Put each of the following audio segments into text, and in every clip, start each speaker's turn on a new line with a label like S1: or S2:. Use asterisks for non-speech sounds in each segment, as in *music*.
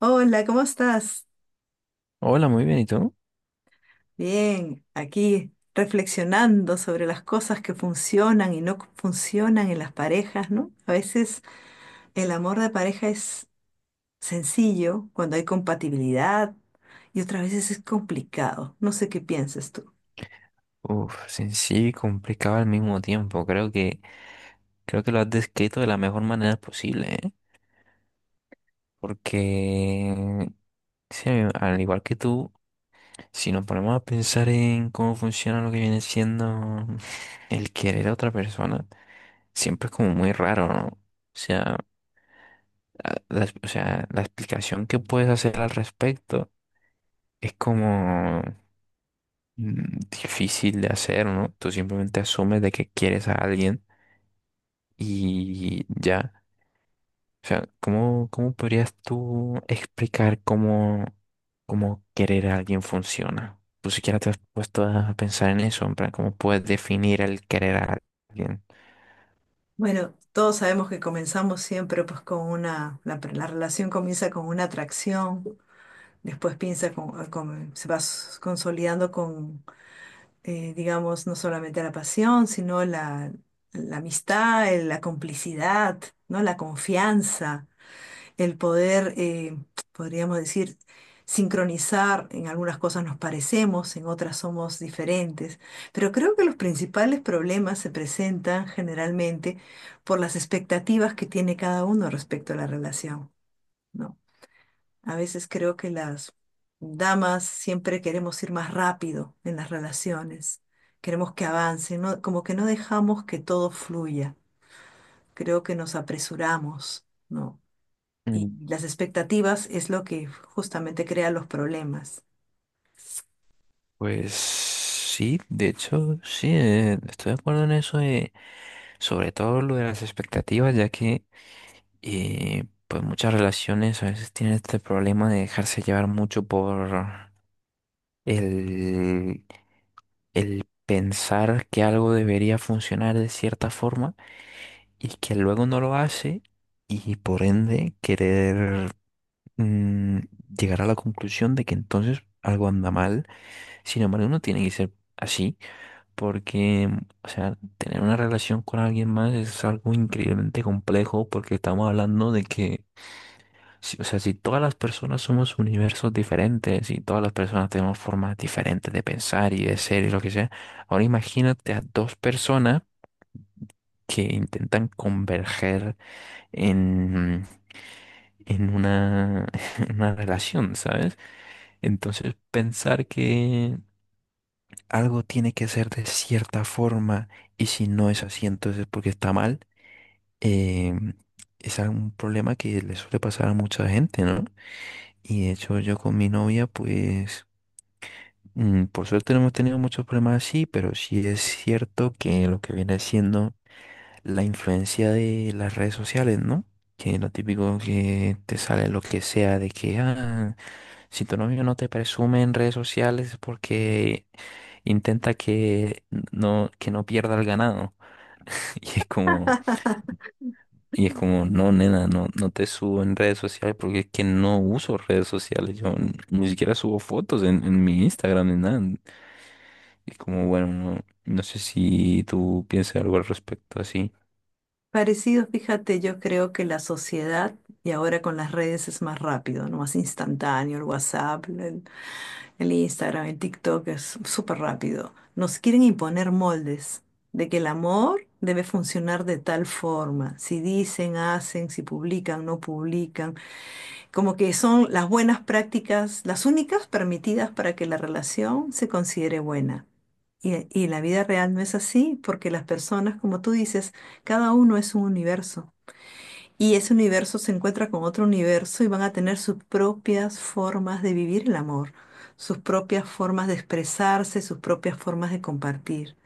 S1: Hola, ¿cómo estás?
S2: Hola, muy bien, ¿y tú?
S1: Bien, aquí reflexionando sobre las cosas que funcionan y no funcionan en las parejas, ¿no? A veces el amor de pareja es sencillo cuando hay compatibilidad y otras veces es complicado. No sé qué piensas tú.
S2: Uf, sencillo y complicado al mismo tiempo. Creo que lo has descrito de la mejor manera posible, ¿eh? Porque, sí, al igual que tú, si nos ponemos a pensar en cómo funciona lo que viene siendo el querer a otra persona, siempre es como muy raro, ¿no? O sea, la explicación que puedes hacer al respecto es como difícil de hacer, ¿no? Tú simplemente asumes de que quieres a alguien. Y ya, o sea, ¿cómo podrías tú explicar cómo querer a alguien funciona? ¿Tú siquiera te has puesto a pensar en eso? En plan, ¿cómo puedes definir el querer a alguien?
S1: Bueno, todos sabemos que comenzamos siempre pues con una, la, la relación comienza con una atracción, después piensa se va consolidando digamos, no solamente la pasión, sino la amistad, la complicidad, ¿no? La confianza, el poder, podríamos decir, sincronizar, en algunas cosas nos parecemos, en otras somos diferentes, pero creo que los principales problemas se presentan generalmente por las expectativas que tiene cada uno respecto a la relación. ¿No? A veces creo que las damas siempre queremos ir más rápido en las relaciones, queremos que avancen, ¿no? Como que no dejamos que todo fluya, creo que nos apresuramos, ¿no? Y
S2: Mm.
S1: las expectativas es lo que justamente crea los problemas.
S2: Pues sí, de hecho, sí, estoy de acuerdo en eso, sobre todo lo de las expectativas, ya que pues muchas relaciones a veces tienen este problema de dejarse llevar mucho por el el pensar que algo debería funcionar de cierta forma y que luego no lo hace, y por ende querer, mm, llegar a la conclusión de que entonces algo anda mal. Sin embargo, no tiene que ser así porque, o sea, tener una relación con alguien más es algo increíblemente complejo, porque estamos hablando de que o sea, si todas las personas somos universos diferentes y todas las personas tenemos formas diferentes de pensar y de ser y lo que sea, ahora imagínate a dos personas que intentan converger en, en una, *laughs* en una relación, ¿sabes? Entonces, pensar que algo tiene que ser de cierta forma y si no es así, entonces es porque está mal, eh, es un problema que le suele pasar a mucha gente, ¿no? Y de hecho yo con mi novia, pues, por suerte no hemos tenido muchos problemas así, pero sí es cierto que lo que viene siendo la influencia de las redes sociales, ¿no? Que lo típico que te sale lo que sea de que, ah, si tu novio no te presume en redes sociales es porque intenta que no pierda el ganado. *laughs* Y es como, y es como, no, nena, no, no te subo en redes sociales porque es que no uso redes sociales. Yo ni siquiera subo fotos en mi Instagram ni nada. Y como, bueno, no, no sé si tú piensas algo al respecto así.
S1: Parecido, fíjate, yo creo que la sociedad, y ahora con las redes es más rápido, ¿no? Más instantáneo, el WhatsApp, en el Instagram, en TikTok, es súper rápido. Nos quieren imponer moldes de que el amor debe funcionar de tal forma. Si dicen, hacen, si publican, no publican. Como que son las buenas prácticas, las únicas permitidas para que la relación se considere buena. Y la vida real no es así, porque las personas, como tú dices, cada uno es un universo. Y ese universo se encuentra con otro universo y van a tener sus propias formas de vivir el amor, sus propias formas de expresarse, sus propias formas de compartir.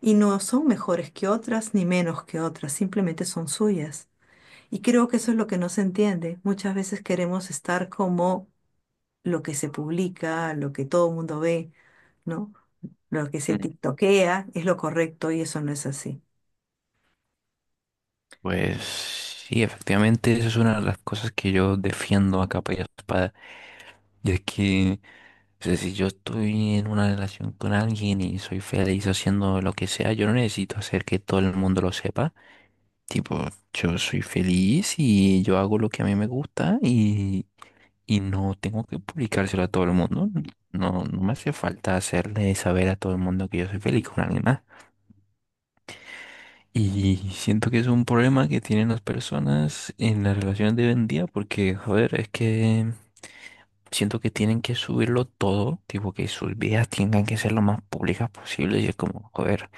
S1: Y no son mejores que otras ni menos que otras, simplemente son suyas. Y creo que eso es lo que no se entiende. Muchas veces queremos estar como lo que se publica, lo que todo el mundo ve, ¿no? Lo que se
S2: Mm.
S1: tiktokea es lo correcto y eso no es así.
S2: Pues sí, efectivamente, esa es una de las cosas que yo defiendo a capa y espada. Y es que, o sea, si yo estoy en una relación con alguien y soy feliz haciendo lo que sea, yo no necesito hacer que todo el mundo lo sepa. Tipo, yo soy feliz y yo hago lo que a mí me gusta, y no tengo que publicárselo a todo el mundo. No, no me hace falta hacerle saber a todo el mundo que yo soy feliz con alguien más. Y siento que es un problema que tienen las personas en las relaciones de hoy en día, porque, joder, es que siento que tienen que subirlo todo, tipo que sus vidas tengan que ser lo más públicas posible, y es como, joder,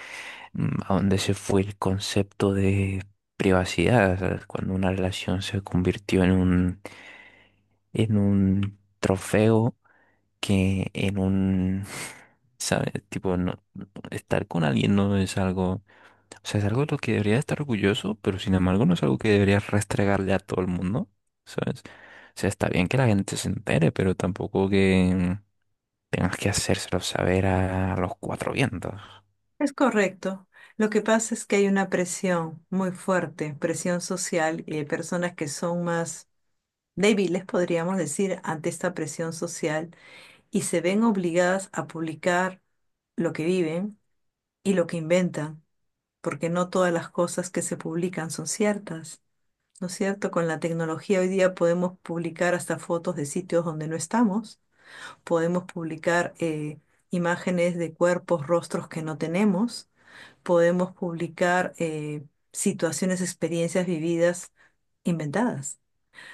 S2: ¿a dónde se fue el concepto de privacidad? ¿Sabes? Cuando una relación se convirtió en un trofeo que en un, *laughs* ¿sabes? Tipo, no, estar con alguien no es algo, o sea, es algo de lo que debería estar orgulloso, pero sin embargo no es algo que deberías restregarle a todo el mundo, ¿sabes? O sea, está bien que la gente se entere, pero tampoco que tengas que hacérselo saber a los cuatro vientos.
S1: Es correcto. Lo que pasa es que hay una presión muy fuerte, presión social, y hay personas que son más débiles, podríamos decir, ante esta presión social y se ven obligadas a publicar lo que viven y lo que inventan, porque no todas las cosas que se publican son ciertas, ¿no es cierto? Con la tecnología hoy día podemos publicar hasta fotos de sitios donde no estamos, podemos publicar imágenes de cuerpos, rostros que no tenemos. Podemos publicar situaciones, experiencias vividas, inventadas.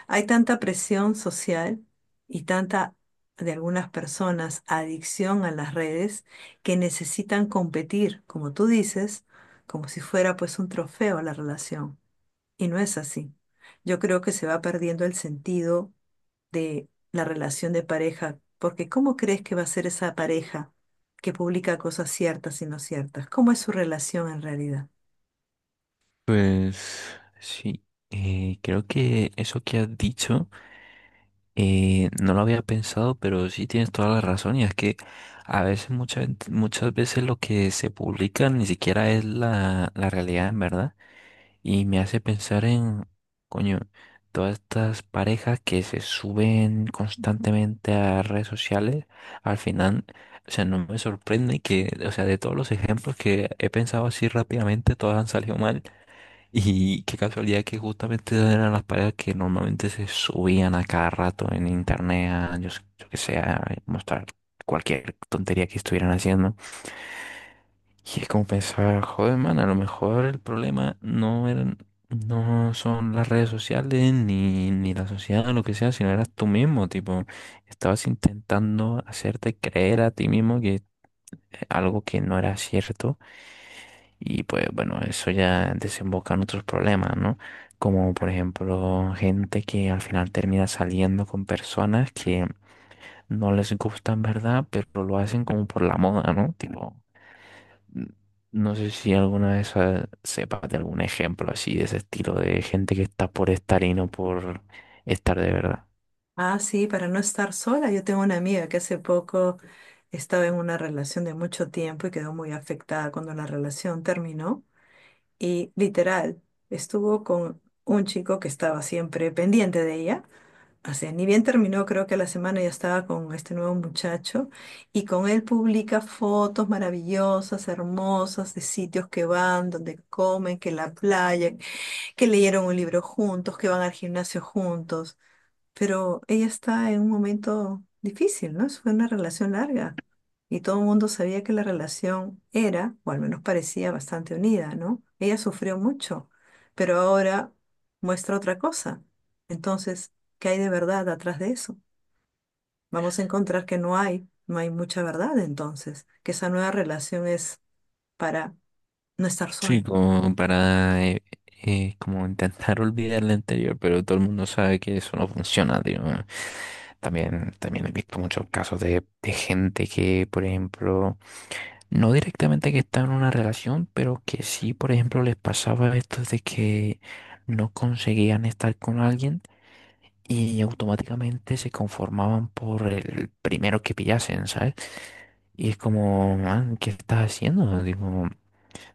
S1: Hay tanta presión social y tanta, de algunas personas, adicción a las redes, que necesitan competir, como tú dices, como si fuera pues un trofeo a la relación. Y no es así. Yo creo que se va perdiendo el sentido de la relación de pareja, porque ¿cómo crees que va a ser esa pareja que publica cosas ciertas y no ciertas? ¿Cómo es su relación en realidad?
S2: Pues sí, creo que eso que has dicho, no lo había pensado, pero sí tienes toda la razón, y es que a veces, muchas veces lo que se publica ni siquiera es la realidad, en verdad. Y me hace pensar en, coño, todas estas parejas que se suben constantemente a redes sociales, al final, o sea, no me sorprende que, o sea, de todos los ejemplos que he pensado así rápidamente, todas han salido mal. Y qué casualidad que justamente eran las parejas que normalmente se subían a cada rato en internet, a, yo que sé, a mostrar cualquier tontería que estuvieran haciendo. Y es como pensar, joder, man, a lo mejor el problema no son las redes sociales ni la sociedad o lo que sea, sino eras tú mismo, tipo, estabas intentando hacerte creer a ti mismo que algo que no era cierto, y pues bueno, eso ya desemboca en otros problemas, ¿no? Como por ejemplo, gente que al final termina saliendo con personas que no les gusta, ¿en verdad? Pero lo hacen como por la moda, ¿no? Tipo, no sé si alguna vez sepas de algún ejemplo así de ese estilo, de gente que está por estar y no por estar de verdad.
S1: Ah, sí, para no estar sola. Yo tengo una amiga que hace poco estaba en una relación de mucho tiempo y quedó muy afectada cuando la relación terminó. Y literal, estuvo con un chico que estaba siempre pendiente de ella. O sea, ni bien terminó, creo que a la semana ya estaba con este nuevo muchacho y con él publica fotos maravillosas, hermosas, de sitios que van, donde comen, que la playa, que leyeron un libro juntos, que van al gimnasio juntos, pero ella está en un momento difícil, ¿no? Eso fue una relación larga y todo el mundo sabía que la relación era, o al menos parecía, bastante unida, ¿no? Ella sufrió mucho, pero ahora muestra otra cosa. Entonces, ¿qué hay de verdad atrás de eso? Vamos a encontrar que no hay mucha verdad, entonces, que esa nueva relación es para no estar
S2: Sí,
S1: solo.
S2: como para como intentar *laughs* olvidar lo anterior, pero todo el mundo sabe que eso no funciona, tío. También, también he visto muchos casos de gente que, por ejemplo, no directamente que está en una relación, pero que sí, por ejemplo, les pasaba esto de que no conseguían estar con alguien, y automáticamente se conformaban por el primero que pillasen, ¿sabes? Y es como, man, ¿qué estás haciendo? Digo,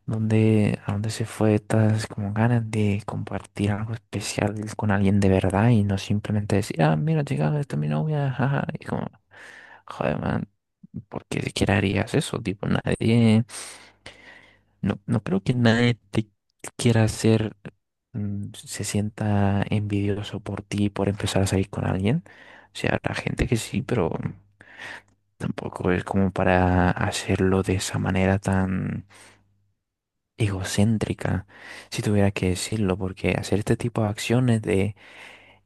S2: a dónde se fue estas como ganas de compartir algo especial con alguien de verdad y no simplemente decir, ah, mira, chica, esta es mi novia, jaja, y como, joder, man, ¿por qué siquiera harías eso? Tipo, nadie. No, no creo que nadie te quiera hacer, se sienta envidioso por ti por empezar a salir con alguien. O sea, habrá gente que sí, pero tampoco es como para hacerlo de esa manera tan egocéntrica, si tuviera que decirlo, porque hacer este tipo de acciones de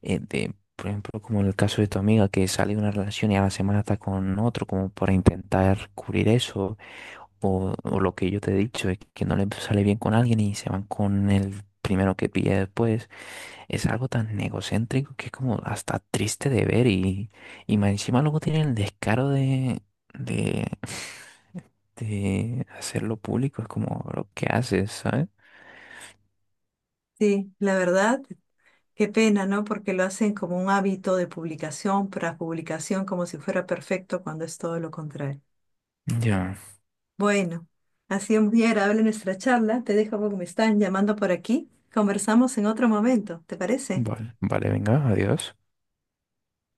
S2: eh, de, por ejemplo, como en el caso de tu amiga que sale de una relación y a la semana está con otro, como para intentar cubrir eso, o lo que yo te he dicho, es que no le sale bien con alguien y se van con el primero que pilla después, es algo tan egocéntrico que es como hasta triste de ver, y más encima luego tienen el descaro de *laughs* de hacerlo público, es como lo que haces, ¿sabes?
S1: Sí, la verdad, qué pena, ¿no? Porque lo hacen como un hábito de publicación tras publicación, como si fuera perfecto cuando es todo lo contrario.
S2: Ya,
S1: Bueno, ha sido muy agradable nuestra charla. Te dejo porque me están llamando por aquí. Conversamos en otro momento, ¿te parece?
S2: vale, vale, venga, adiós.